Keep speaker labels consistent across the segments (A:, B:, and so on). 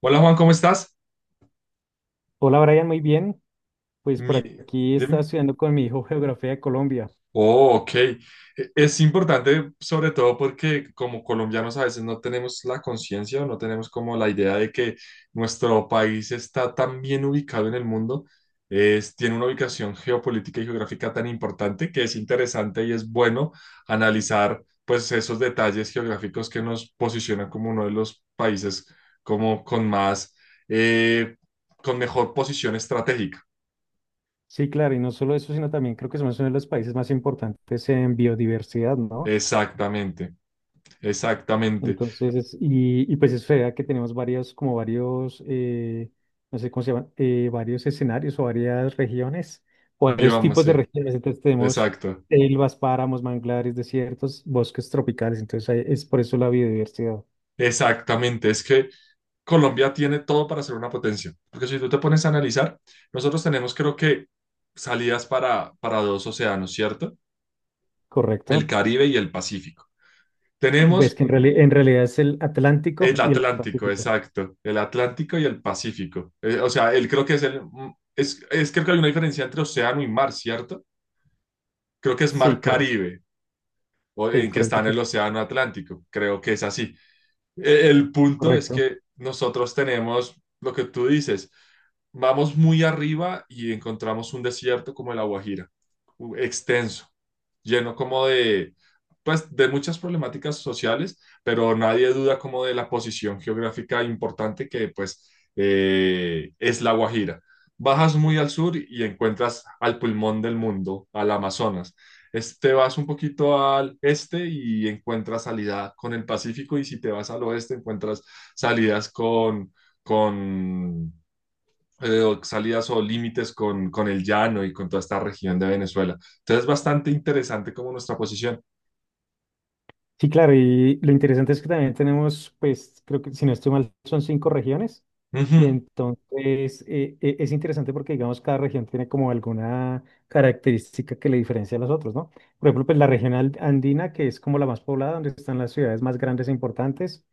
A: Hola Juan, ¿cómo estás?
B: Hola Brian, muy bien. Pues por
A: Mi-
B: aquí estaba
A: Dime.
B: estudiando con mi hijo geografía de Colombia.
A: Oh, ok. Es importante sobre todo porque como colombianos a veces no tenemos la conciencia o no tenemos como la idea de que nuestro país está tan bien ubicado en el mundo, tiene una ubicación geopolítica y geográfica tan importante que es interesante y es bueno analizar pues esos detalles geográficos que nos posicionan como uno de los países como con más, eh, con mejor posición estratégica.
B: Sí, claro, y no solo eso, sino también creo que somos uno de los países más importantes en biodiversidad, ¿no?
A: Exactamente, exactamente.
B: Entonces, y pues es verdad que tenemos varios, como varios, no sé cómo se llaman, varios escenarios o varias regiones, o varios
A: Bioma,
B: tipos de
A: sí.
B: regiones. Entonces tenemos
A: Exacto,
B: selvas, páramos, manglares, desiertos, bosques tropicales. Entonces ahí es por eso la biodiversidad,
A: exactamente. Es que Colombia tiene todo para ser una potencia, porque si tú te pones a analizar, nosotros tenemos creo que salidas para dos océanos, ¿cierto? El
B: ¿correcto?
A: Caribe y el Pacífico.
B: Pues
A: Tenemos
B: que en realidad es el Atlántico
A: el
B: y el
A: Atlántico,
B: Pacífico.
A: exacto, el Atlántico y el Pacífico. O sea, él creo que es es creo que hay una diferencia entre océano y mar, ¿cierto? Creo que es
B: Sí,
A: mar
B: correcto.
A: Caribe, o
B: Sí,
A: en que está
B: correcto,
A: en
B: pues,
A: el océano Atlántico, creo que es así. El punto es
B: correcto.
A: que nosotros tenemos lo que tú dices, vamos muy arriba y encontramos un desierto como el Aguajira, extenso, lleno como de, pues, de muchas problemáticas sociales, pero nadie duda como de la posición geográfica importante que es la Guajira. Bajas muy al sur y encuentras al pulmón del mundo, al Amazonas. Te vas un poquito al este y encuentras salida con el Pacífico y si te vas al oeste encuentras salidas con o salidas o límites con el llano y con toda esta región de Venezuela. Entonces es bastante interesante como nuestra posición.
B: Sí, claro, y lo interesante es que también tenemos, pues, creo que si no estoy mal, son cinco regiones. Y
A: Ujú.
B: entonces es interesante porque, digamos, cada región tiene como alguna característica que le diferencia a las otras, ¿no? Por ejemplo, pues la región andina, que es como la más poblada, donde están las ciudades más grandes e importantes,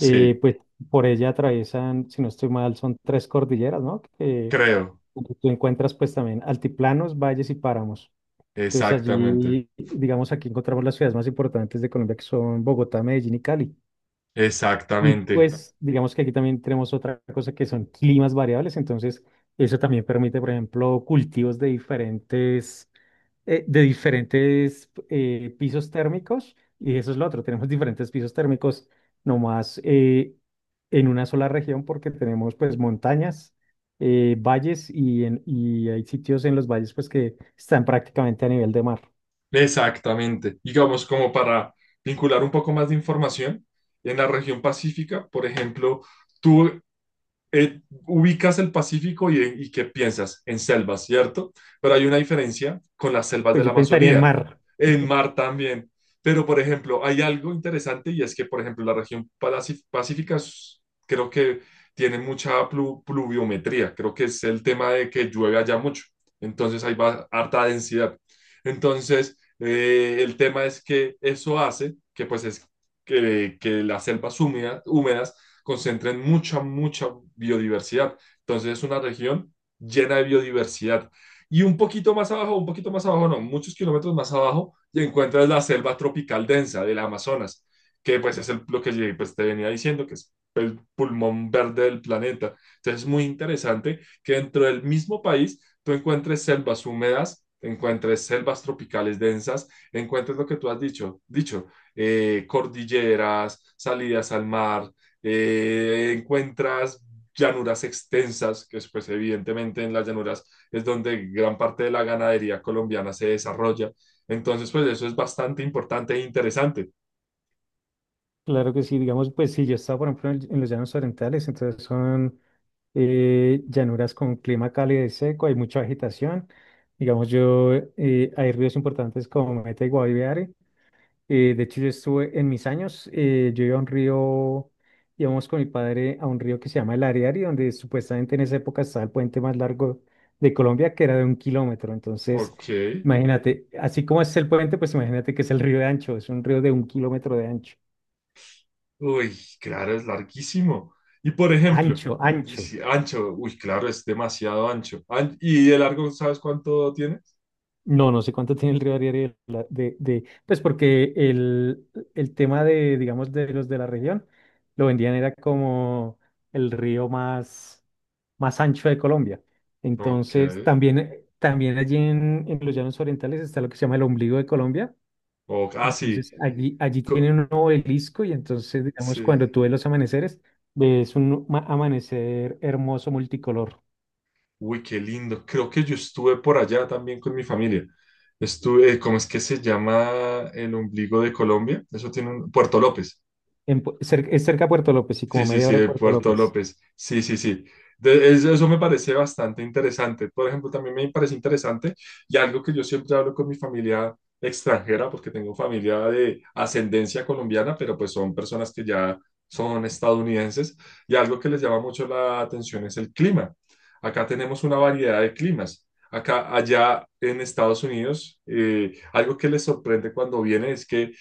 B: pues por ella atraviesan, si no estoy mal, son tres cordilleras, ¿no? Que,
A: creo.
B: donde tú encuentras pues también altiplanos, valles y páramos. Entonces
A: Exactamente.
B: allí, digamos, aquí encontramos las ciudades más importantes de Colombia, que son Bogotá, Medellín y Cali. Y
A: Exactamente.
B: pues, digamos que aquí también tenemos otra cosa que son climas variables. Entonces, eso también permite, por ejemplo, cultivos de diferentes pisos térmicos. Y eso es lo otro, tenemos diferentes pisos térmicos nomás, en una sola región porque tenemos pues montañas, valles y hay sitios en los valles pues que están prácticamente a nivel de mar.
A: Exactamente. Digamos como para vincular un poco más de información, en la región pacífica, por ejemplo, Tú eh, ubicas el Pacífico y qué piensas en selvas, ¿cierto? Pero hay una diferencia con las selvas
B: Pues
A: de la
B: yo pensaría en
A: Amazonía,
B: mar,
A: en mar también. Pero, por ejemplo, hay algo interesante y es que, por ejemplo, la pacífica creo que tiene pluviometría, creo que es el tema de que llueve allá mucho, entonces harta densidad. Entonces, el tema es que eso hace que, pues, que las húmedas concentren mucha biodiversidad. Entonces es una región llena de biodiversidad. Y un poquito más abajo, no, muchos kilómetros más abajo, y encuentras la selva tropical densa del Amazonas, que pues es el, lo que pues, te venía diciendo, que es el pulmón verde del planeta. Entonces es muy interesante que dentro del mismo país tú encuentres selvas húmedas, encuentres selvas tropicales densas, encuentres lo que tú has dicho, cordilleras, salidas al mar, encuentras llanuras extensas, que es, pues evidentemente en las llanuras es donde gran parte de la ganadería colombiana se desarrolla. Entonces, pues eso es bastante importante e interesante.
B: claro que sí, digamos, pues si yo estaba, por ejemplo, en los llanos orientales, entonces son llanuras con clima cálido y seco, hay mucha agitación. Digamos, hay ríos importantes como Meta y Guaviare. De hecho, yo estuve en mis años, yo iba a un río, íbamos con mi padre a un río que se llama el Ariari, donde supuestamente en esa época estaba el puente más largo de Colombia, que era de 1 kilómetro. Entonces,
A: Ok.
B: imagínate, así como es el puente, pues imagínate que es el río de ancho, es un río de 1 kilómetro de ancho.
A: Uy, claro, es larguísimo. Y por ejemplo,
B: Ancho, ancho.
A: dice, ancho, uy, claro, es demasiado ancho. ¿Y de largo sabes cuánto tienes?
B: No, no sé cuánto tiene el Río Ariel de, pues porque el tema de, digamos, de los de la región, lo vendían era como el río más ancho de Colombia.
A: Ok,
B: Entonces, también allí en los llanos orientales está lo que se llama el ombligo de Colombia.
A: o ah, sí,
B: Entonces, allí tienen
A: co-
B: un obelisco y entonces, digamos,
A: sí.
B: cuando tú ves los amaneceres, ves un amanecer hermoso multicolor.
A: Uy, qué lindo. Creo que yo estuve por allá también con mi familia. Estuve, ¿cómo es que se llama el ombligo de Colombia? Eso tiene un Puerto López.
B: Es cerca de Puerto López y como
A: Sí, sí,
B: media
A: sí,
B: hora de
A: de
B: Puerto
A: Puerto
B: López.
A: López. Sí, sí, sí. Eso me parece bastante interesante. Por ejemplo, también me parece interesante y algo que yo siempre hablo con mi familia extranjera, porque tengo familia de ascendencia colombiana, pero pues son personas que ya son estadounidenses, y algo que les llama mucho la atención es el clima. Acá tenemos una variedad de climas. Acá, allá en Estados Unidos, algo que les sorprende cuando vienen es que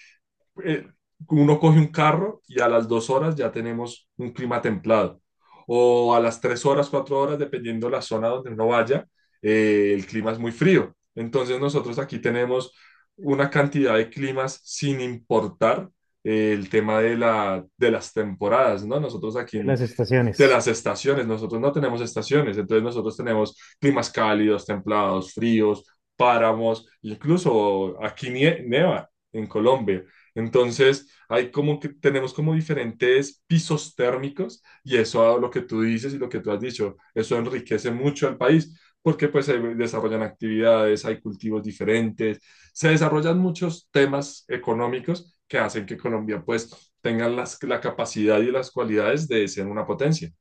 A: eh, uno coge un carro y a las 2 horas ya tenemos un clima templado. O a las 3 horas, 4 horas, dependiendo la zona donde uno vaya, el clima es muy frío. Entonces nosotros aquí tenemos una cantidad de climas sin importar el tema de de las temporadas, ¿no?
B: De las
A: De
B: estaciones.
A: las estaciones. Nosotros no tenemos estaciones, entonces nosotros tenemos climas cálidos, templados, fríos, páramos, incluso aquí nieva en Colombia. Entonces, hay como que tenemos como diferentes pisos térmicos y eso a lo que tú dices y lo que tú has dicho, eso enriquece mucho al país porque pues se desarrollan actividades, hay cultivos diferentes, se desarrollan muchos temas económicos que hacen que Colombia pues tenga la capacidad y las cualidades de ser una potencia.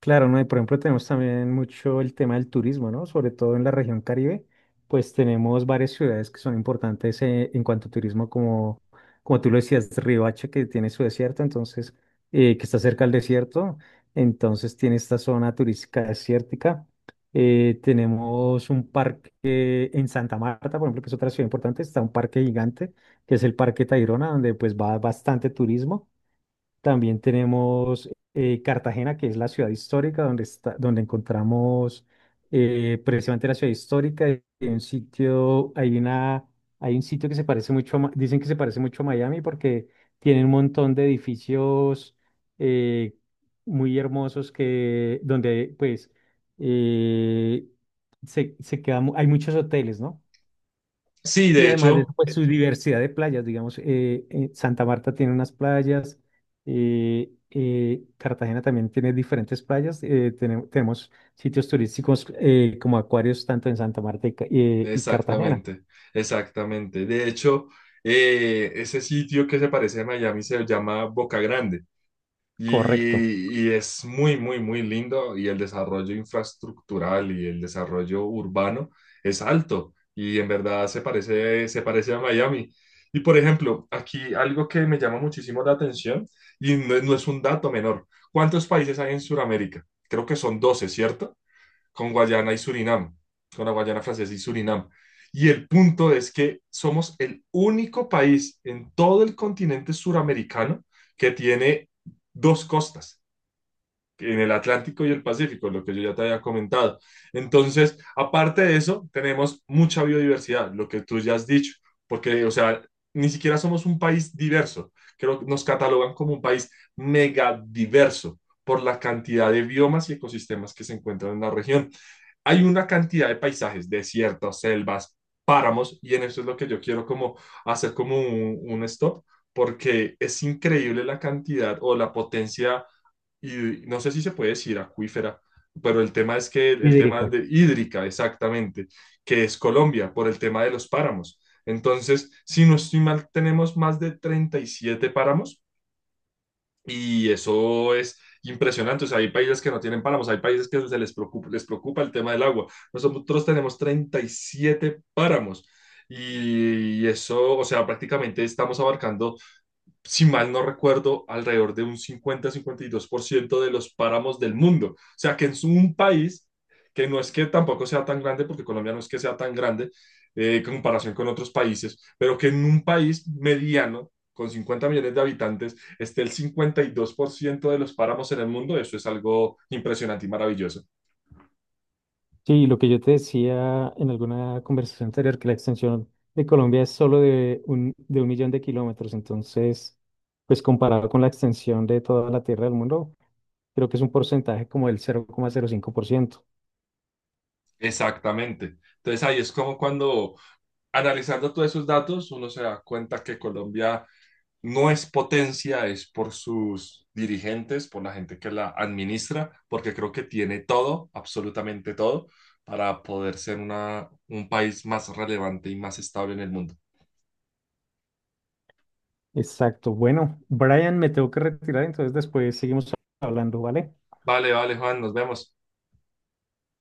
B: Claro, ¿no? Y por ejemplo tenemos también mucho el tema del turismo, ¿no? Sobre todo en la región Caribe, pues tenemos varias ciudades que son importantes en cuanto a turismo, como tú lo decías, Riohacha, que tiene su desierto, entonces, que está cerca del desierto, entonces tiene esta zona turística desértica. Tenemos un parque en Santa Marta, por ejemplo, que es otra ciudad importante, está un parque gigante, que es el Parque Tayrona, donde pues va bastante turismo. También tenemos Cartagena, que es la ciudad histórica, donde está, donde encontramos precisamente la ciudad histórica. Y hay un sitio, hay un sitio que se parece mucho a, dicen que se parece mucho a Miami porque tiene un montón de edificios eh, muy hermosos que, donde pues eh, se queda hay muchos hoteles, ¿no?
A: Sí,
B: Y
A: de
B: además de eso,
A: hecho,
B: pues su diversidad de playas, digamos, Santa Marta tiene unas playas, Cartagena también tiene diferentes playas, tenemos, sitios turísticos como acuarios tanto en Santa Marta y Cartagena,
A: exactamente, exactamente. De hecho, ese sitio que se parece a Miami se llama Boca Grande
B: correcto,
A: y es muy, muy, muy lindo y el desarrollo infraestructural y el desarrollo urbano es alto y en verdad se parece a Miami. Y por ejemplo, aquí algo que me llama muchísimo la atención y no, no es un dato menor. ¿Cuántos países hay en Sudamérica? Creo que son 12, ¿cierto? Con Guayana y Surinam, con la Guayana Francesa y Surinam. Y el punto es que somos el único país en todo el continente suramericano que tiene dos costas, en el Atlántico y el Pacífico, lo que yo ya te había comentado. Entonces, aparte de eso, tenemos mucha biodiversidad, lo que tú ya has dicho, porque, o sea, ni siquiera somos un país diverso. Creo que nos catalogan como un país megadiverso por la cantidad de biomas y ecosistemas que se encuentran en la región. Hay una cantidad de paisajes, desiertos, selvas, páramos, y en eso es lo que yo quiero como hacer como un stop, porque es increíble la cantidad o la potencia, y no sé si se puede decir acuífera, pero el tema es que el tema
B: hídrica.
A: de hídrica, exactamente, que es Colombia, por el tema de los páramos. Entonces, si no estoy mal, tenemos más de 37 páramos y eso es impresionante. O sea, hay países que no tienen páramos, hay países que se les preocupa el tema del agua. Nosotros tenemos 37 páramos y eso, o sea, prácticamente estamos abarcando si mal no recuerdo, alrededor de un cincuenta-52% de los páramos del mundo. O sea, que es un país que no es que tampoco sea tan grande, porque Colombia no es que sea tan grande en comparación con otros países, pero que en un país mediano, con 50 millones de habitantes, esté el 52% de los páramos en el mundo, eso es algo impresionante y maravilloso.
B: Sí, lo que yo te decía en alguna conversación anterior, que la extensión de Colombia es solo de un, millón de kilómetros, entonces, pues comparado con la extensión de toda la tierra del mundo, creo que es un porcentaje como del 00,05%.
A: Exactamente. Entonces ahí es como cuando analizando todos esos datos uno se da cuenta que Colombia no es potencia, es por sus dirigentes, por la gente que la administra, porque creo que tiene todo, absolutamente todo, para poder ser un país más relevante y más estable en el mundo.
B: Exacto. Bueno, Brian, me tengo que retirar, entonces después seguimos hablando, ¿vale?
A: Vale, vale, Juan, nos vemos.